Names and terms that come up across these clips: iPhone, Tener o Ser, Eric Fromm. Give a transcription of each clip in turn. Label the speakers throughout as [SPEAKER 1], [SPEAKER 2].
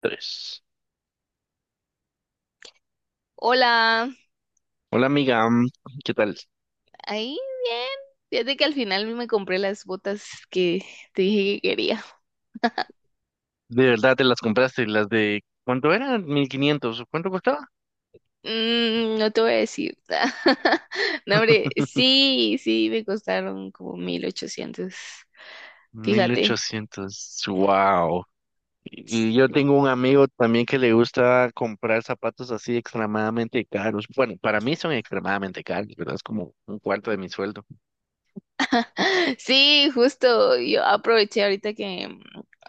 [SPEAKER 1] Tres.
[SPEAKER 2] Hola,
[SPEAKER 1] Hola amiga, ¿qué tal?
[SPEAKER 2] ahí bien. Fíjate que al final me compré las botas que te dije que quería.
[SPEAKER 1] ¿De verdad te las compraste? ¿Las de cuánto eran? 1500, ¿cuánto costaba?
[SPEAKER 2] No te voy a decir. No, hombre, sí, sí, me costaron como 1800.
[SPEAKER 1] Mil
[SPEAKER 2] Fíjate.
[SPEAKER 1] ochocientos. Wow. Y yo tengo un amigo también que le gusta comprar zapatos así extremadamente caros. Bueno, para mí son extremadamente caros, ¿verdad? Es como un cuarto de mi sueldo.
[SPEAKER 2] Sí, justo. Yo aproveché ahorita que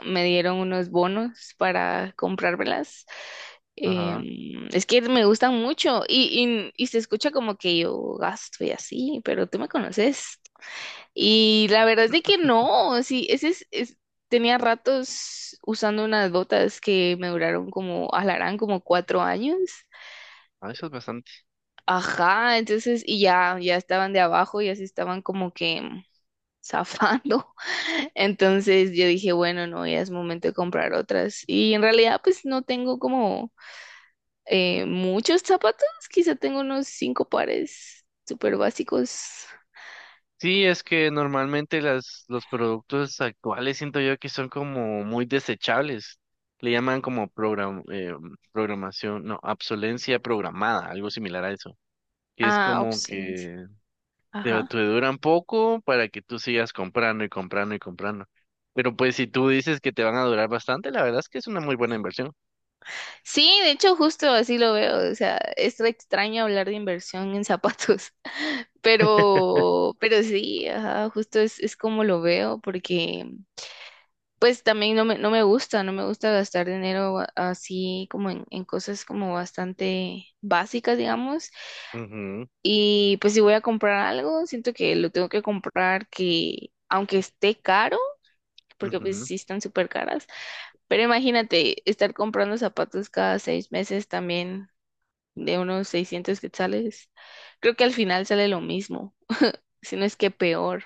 [SPEAKER 2] me dieron unos bonos para comprármelas.
[SPEAKER 1] Ajá.
[SPEAKER 2] Es que me gustan mucho y se escucha como que yo gasto y así, pero tú me conoces. Y la verdad es de que no, sí, tenía ratos usando unas botas que me duraron como, alarán como 4 años.
[SPEAKER 1] Ah, eso es bastante.
[SPEAKER 2] Ajá, entonces, y ya estaban de abajo, ya se estaban como que zafando. Entonces yo dije, bueno, no, ya es momento de comprar otras. Y en realidad, pues no tengo como muchos zapatos, quizá tengo unos 5 pares súper básicos.
[SPEAKER 1] Sí, es que normalmente los productos actuales siento yo que son como muy desechables. Le llaman como programación, no, obsolencia programada, algo similar a eso. Que es
[SPEAKER 2] Ah,
[SPEAKER 1] como
[SPEAKER 2] opciones.
[SPEAKER 1] que
[SPEAKER 2] Ajá.
[SPEAKER 1] te duran poco para que tú sigas comprando y comprando y comprando. Pero pues si tú dices que te van a durar bastante, la verdad es que es una muy buena inversión.
[SPEAKER 2] Sí, de hecho justo así lo veo, o sea, es extraño hablar de inversión en zapatos, pero sí, ajá, justo es como lo veo, porque pues también no me gusta, no me gusta gastar dinero así como en cosas como bastante básicas, digamos,
[SPEAKER 1] Ujú,
[SPEAKER 2] y pues si voy a comprar algo, siento que lo tengo que comprar que, aunque esté caro, porque pues
[SPEAKER 1] ujú.
[SPEAKER 2] sí están súper caras, pero imagínate estar comprando zapatos cada 6 meses también de unos 600 quetzales. Creo que al final sale lo mismo, si no es que peor.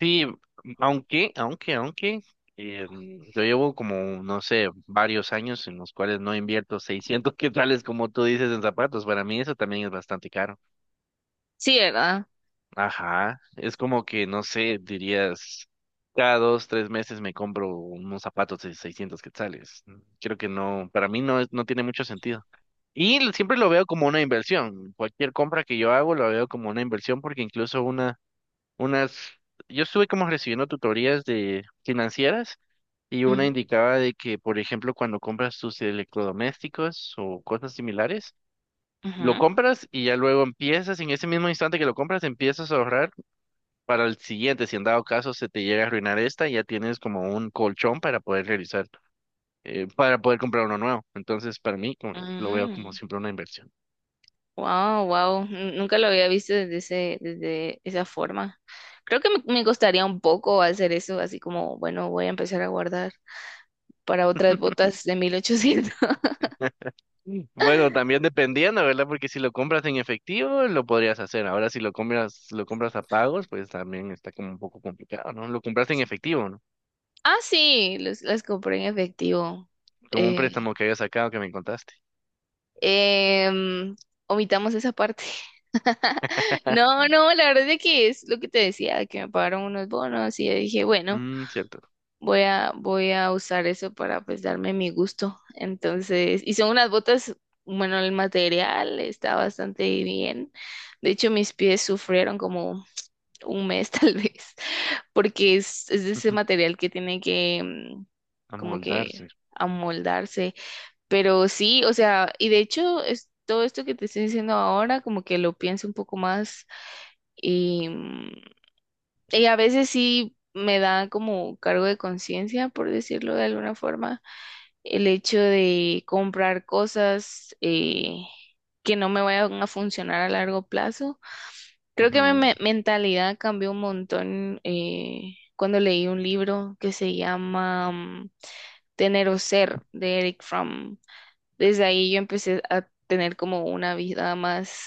[SPEAKER 1] Sí, aunque, aunque, aunque, yo llevo como, no sé, varios años en los cuales no invierto 600 quetzales, como tú dices, en zapatos. Para mí eso también es bastante caro.
[SPEAKER 2] Sí, ¿verdad?
[SPEAKER 1] Ajá, es como que, no sé, dirías, cada dos, tres meses me compro unos zapatos de 600 quetzales. Creo que no, para mí no, no tiene mucho sentido. Y siempre lo veo como una inversión. Cualquier compra que yo hago lo veo como una inversión porque incluso unas, yo estuve como recibiendo tutorías de financieras y una
[SPEAKER 2] Mm,
[SPEAKER 1] indicaba de que, por ejemplo, cuando compras tus electrodomésticos o cosas similares, lo
[SPEAKER 2] ujú,
[SPEAKER 1] compras y ya luego empiezas, en ese mismo instante que lo compras, empiezas a ahorrar para el siguiente. Si en dado caso se te llega a arruinar esta, ya tienes como un colchón para poder realizar, para poder comprar uno nuevo. Entonces, para mí, lo veo como
[SPEAKER 2] mm.
[SPEAKER 1] siempre una inversión.
[SPEAKER 2] Wow, wow. Nunca lo había visto desde desde esa forma. Creo que me costaría un poco hacer eso, así como, bueno, voy a empezar a guardar para otras botas de 1800.
[SPEAKER 1] Bueno, también dependiendo, ¿verdad? Porque si lo compras en efectivo, lo podrías hacer. Ahora, si lo compras, lo compras a pagos, pues también está como un poco complicado, ¿no? Lo compraste en efectivo, ¿no?
[SPEAKER 2] Ah, sí, las compré en efectivo.
[SPEAKER 1] Como un
[SPEAKER 2] eh,
[SPEAKER 1] préstamo que había sacado que me contaste.
[SPEAKER 2] Em, Omitamos esa parte. No, no, la verdad es que es lo que te decía, que me pagaron unos bonos y yo dije, bueno,
[SPEAKER 1] Mm, cierto.
[SPEAKER 2] voy a usar eso para pues darme mi gusto. Entonces, y son unas botas, bueno, el material está bastante bien. De hecho, mis pies sufrieron como 1 mes tal vez, porque es de ese
[SPEAKER 1] Ujú.
[SPEAKER 2] material que tiene que como
[SPEAKER 1] Amoldarse.
[SPEAKER 2] que amoldarse, pero sí, o sea, y de hecho, es, todo esto que te estoy diciendo ahora, como que lo pienso un poco más y, y a veces sí me da como cargo de conciencia, por decirlo de alguna forma, el hecho de comprar cosas que no me vayan a funcionar a largo plazo. Creo que
[SPEAKER 1] Ujú.
[SPEAKER 2] mentalidad cambió un montón cuando leí un libro que se llama Tener o Ser de Eric Fromm. Desde ahí yo empecé a tener como una vida más,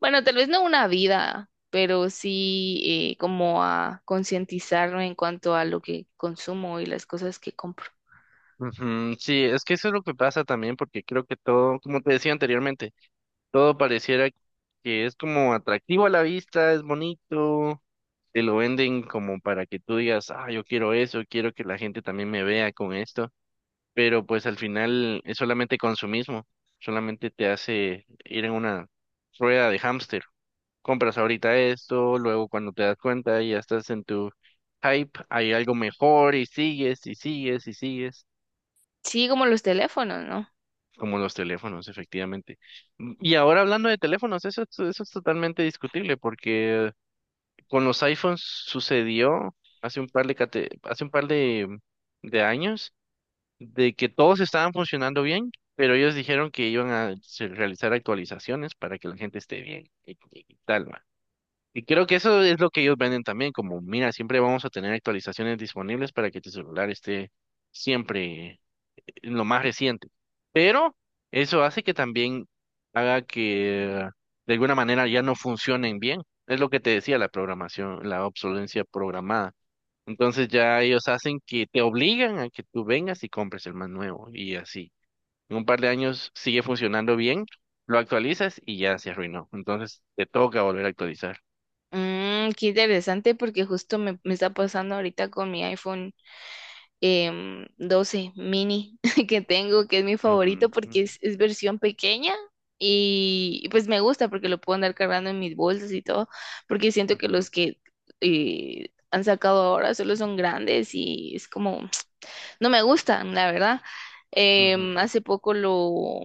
[SPEAKER 2] bueno, tal vez no una vida, pero sí como a concientizarme en cuanto a lo que consumo y las cosas que compro.
[SPEAKER 1] Ujú. Sí, es que eso es lo que pasa también, porque creo que todo, como te decía anteriormente, todo pareciera que es como atractivo a la vista, es bonito te lo venden como para que tú digas, ah, yo quiero eso, quiero que la gente también me vea con esto, pero pues al final es solamente consumismo, solamente te hace ir en una rueda de hámster. Compras ahorita esto, luego cuando te das cuenta ya estás en tu hype, hay algo mejor y sigues y sigues y sigues,
[SPEAKER 2] Sí, como los teléfonos, ¿no?
[SPEAKER 1] como los teléfonos, efectivamente. Y ahora hablando de teléfonos, eso, eso es totalmente discutible porque con los iPhones sucedió hace un par de años de que todos estaban funcionando bien, pero ellos dijeron que iban a realizar actualizaciones para que la gente esté bien tal, va. Y creo que eso es lo que ellos venden también, como, mira, siempre vamos a tener actualizaciones disponibles para que tu celular esté siempre en lo más reciente. Pero eso hace que también haga que de alguna manera ya no funcionen bien. Es lo que te decía la programación, la obsolencia programada. Entonces ya ellos hacen que te obligan a que tú vengas y compres el más nuevo y así. En un par de años sigue funcionando bien, lo actualizas y ya se arruinó. Entonces te toca volver a actualizar.
[SPEAKER 2] Mm, qué interesante porque justo me está pasando ahorita con mi iPhone. 12 mini que tengo, que es mi favorito
[SPEAKER 1] Ujú,
[SPEAKER 2] porque es versión pequeña, y pues me gusta porque lo puedo andar cargando en mis bolsas y todo, porque siento que
[SPEAKER 1] ujú,
[SPEAKER 2] los que han sacado ahora solo son grandes y es como no me gustan, la verdad. Em,
[SPEAKER 1] ujú.
[SPEAKER 2] hace poco lo,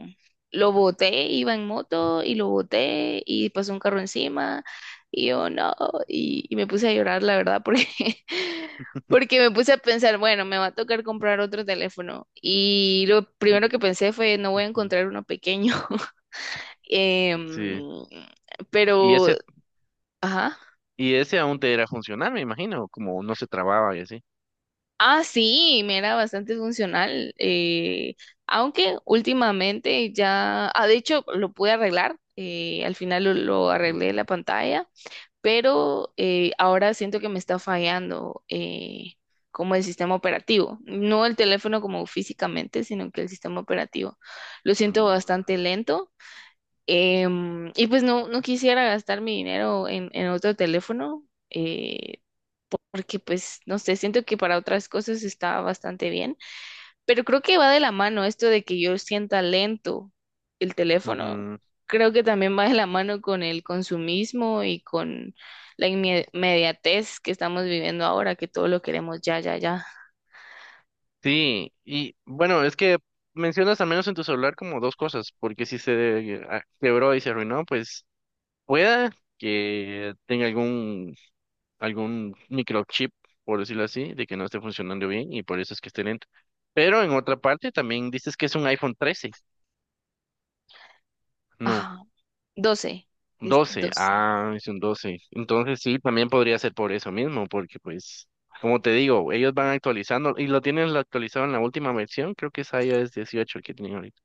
[SPEAKER 2] lo boté, iba en moto y lo boté y pasó un carro encima y yo no, y me puse a llorar, la verdad, porque porque me puse a pensar, bueno, me va a tocar comprar otro teléfono. Y lo
[SPEAKER 1] Y-
[SPEAKER 2] primero que pensé fue, no voy a
[SPEAKER 1] ujú.
[SPEAKER 2] encontrar uno pequeño. Em,
[SPEAKER 1] Sí. Y
[SPEAKER 2] pero,
[SPEAKER 1] ese,
[SPEAKER 2] ajá.
[SPEAKER 1] y ese aún te era funcionar, me imagino, como no se trababa y así.
[SPEAKER 2] Ah, sí, me era bastante funcional, aunque últimamente ya, ah, de hecho lo pude arreglar, al final lo arreglé la pantalla, pero ahora siento que me está fallando como el sistema operativo, no el teléfono como físicamente, sino que el sistema operativo. Lo siento
[SPEAKER 1] Ujú,
[SPEAKER 2] bastante lento, y pues no, no quisiera gastar mi dinero en otro teléfono. Porque pues no sé, siento que para otras cosas está bastante bien, pero creo que va de la mano esto de que yo sienta lento el teléfono,
[SPEAKER 1] ujú.
[SPEAKER 2] creo que también va de la mano con el consumismo y con inmediatez que estamos viviendo ahora, que todo lo queremos ya, ya, ya.
[SPEAKER 1] Sí, y bueno, es que mencionas al menos en tu celular como dos cosas, porque si se quebró y se arruinó, pues pueda que tenga algún, algún microchip, por decirlo así, de que no esté funcionando bien y por eso es que esté lento. Pero en otra parte también dices que es un iPhone 13. No,
[SPEAKER 2] Ajá, doce, es
[SPEAKER 1] 12.
[SPEAKER 2] 12.
[SPEAKER 1] Ah, es un 12. Entonces sí, también podría ser por eso mismo, porque pues, como te digo, ellos van actualizando y lo tienen actualizado en la última versión. Creo que es iOS 18 el que tienen ahorita.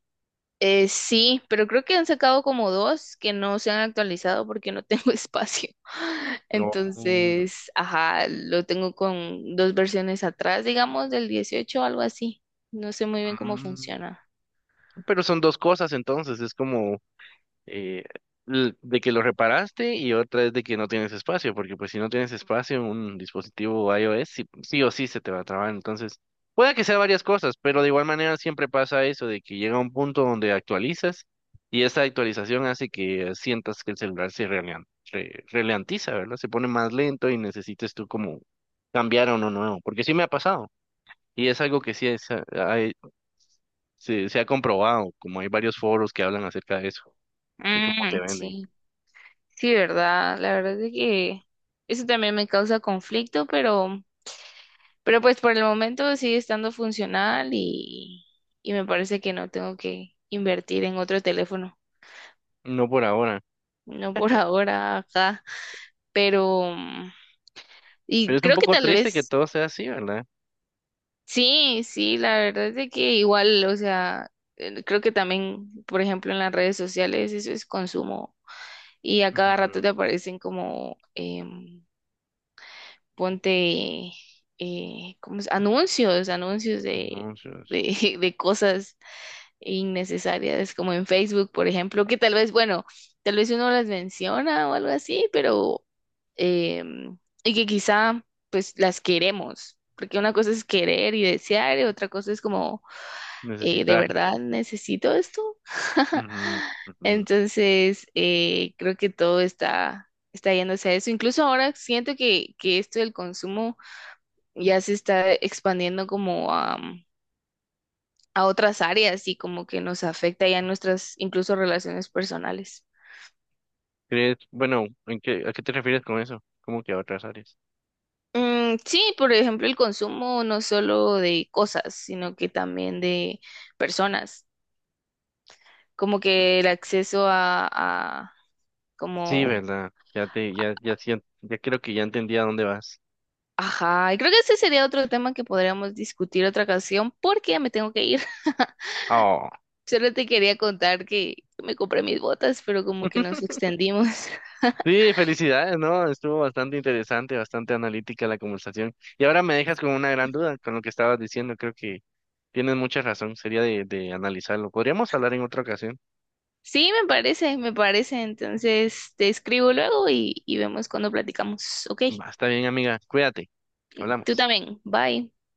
[SPEAKER 2] Sí, pero creo que han sacado como dos que no se han actualizado porque no tengo espacio.
[SPEAKER 1] No.
[SPEAKER 2] Entonces, ajá, lo tengo con dos versiones atrás, digamos, del 18 o algo así. No sé muy bien cómo
[SPEAKER 1] Mm.
[SPEAKER 2] funciona.
[SPEAKER 1] Pero son dos cosas entonces, es como eh, de que lo reparaste y otra es de que no tienes espacio, porque pues si no tienes espacio en un dispositivo iOS, sí, sí o sí se te va a trabar. Entonces, puede que sea varias cosas, pero de igual manera siempre pasa eso, de que llega un punto donde actualizas y esa actualización hace que sientas que el celular ralentiza, ¿verdad? Se pone más lento y necesites tú como cambiar a uno nuevo, porque sí me ha pasado. Y es algo que sí hay- se, se ha comprobado, como hay varios foros que hablan acerca de eso y cómo
[SPEAKER 2] Mm,
[SPEAKER 1] te venden.
[SPEAKER 2] sí, sí, ¿verdad? La verdad es que eso también me causa conflicto, pero pues por el momento sigue estando funcional, y me parece que no tengo que invertir en otro teléfono.
[SPEAKER 1] No por ahora.
[SPEAKER 2] No por ahora, ajá. Pero.
[SPEAKER 1] Pero
[SPEAKER 2] Y
[SPEAKER 1] es un
[SPEAKER 2] creo que
[SPEAKER 1] poco
[SPEAKER 2] tal
[SPEAKER 1] triste que
[SPEAKER 2] vez,
[SPEAKER 1] todo sea así, ¿verdad?
[SPEAKER 2] sí, sí, la verdad es de que igual, o sea, creo que también, por ejemplo, en las redes sociales eso es consumo y a cada rato te
[SPEAKER 1] Ujú.
[SPEAKER 2] aparecen como, ponte, ¿cómo es? Anuncios, anuncios de,
[SPEAKER 1] Anuncios.
[SPEAKER 2] de, de cosas innecesarias, como en Facebook, por ejemplo, que tal vez, bueno, tal vez uno las menciona o algo así, pero, em, y que quizá, pues, las queremos, porque una cosa es querer y desear, y otra cosa es como, ¿de
[SPEAKER 1] Necesitar.
[SPEAKER 2] verdad necesito esto?
[SPEAKER 1] Ujú, ujú.
[SPEAKER 2] Entonces, creo que todo está yéndose a eso. Incluso ahora siento que esto del consumo ya se está expandiendo como a otras áreas y como que nos afecta ya en nuestras incluso relaciones personales.
[SPEAKER 1] ¿Crees? Bueno, ¿en qué, a qué te refieres con eso? ¿Cómo que a otras áreas?
[SPEAKER 2] Mm, sí, por ejemplo, el consumo no solo de cosas, sino que también de personas, como que el acceso a
[SPEAKER 1] Sí,
[SPEAKER 2] como,
[SPEAKER 1] ¿verdad? Ya te, ya, ya siento, ya creo que ya entendí a dónde vas.
[SPEAKER 2] ajá, y creo que ese sería otro tema que podríamos discutir otra ocasión porque ya me tengo que ir.
[SPEAKER 1] Oh.
[SPEAKER 2] Solo te quería contar que me compré mis botas, pero como que nos extendimos.
[SPEAKER 1] Sí, felicidades, ¿no? Estuvo bastante interesante, bastante analítica la conversación. Y ahora me dejas con una gran duda con lo que estabas diciendo. Creo que tienes mucha razón. Sería de analizarlo. Podríamos hablar en otra ocasión.
[SPEAKER 2] Sí, me parece, me parece. Entonces te escribo luego y vemos cuando platicamos. Ok,
[SPEAKER 1] Va, está bien, amiga. Cuídate.
[SPEAKER 2] tú
[SPEAKER 1] Hablamos.
[SPEAKER 2] también. Bye.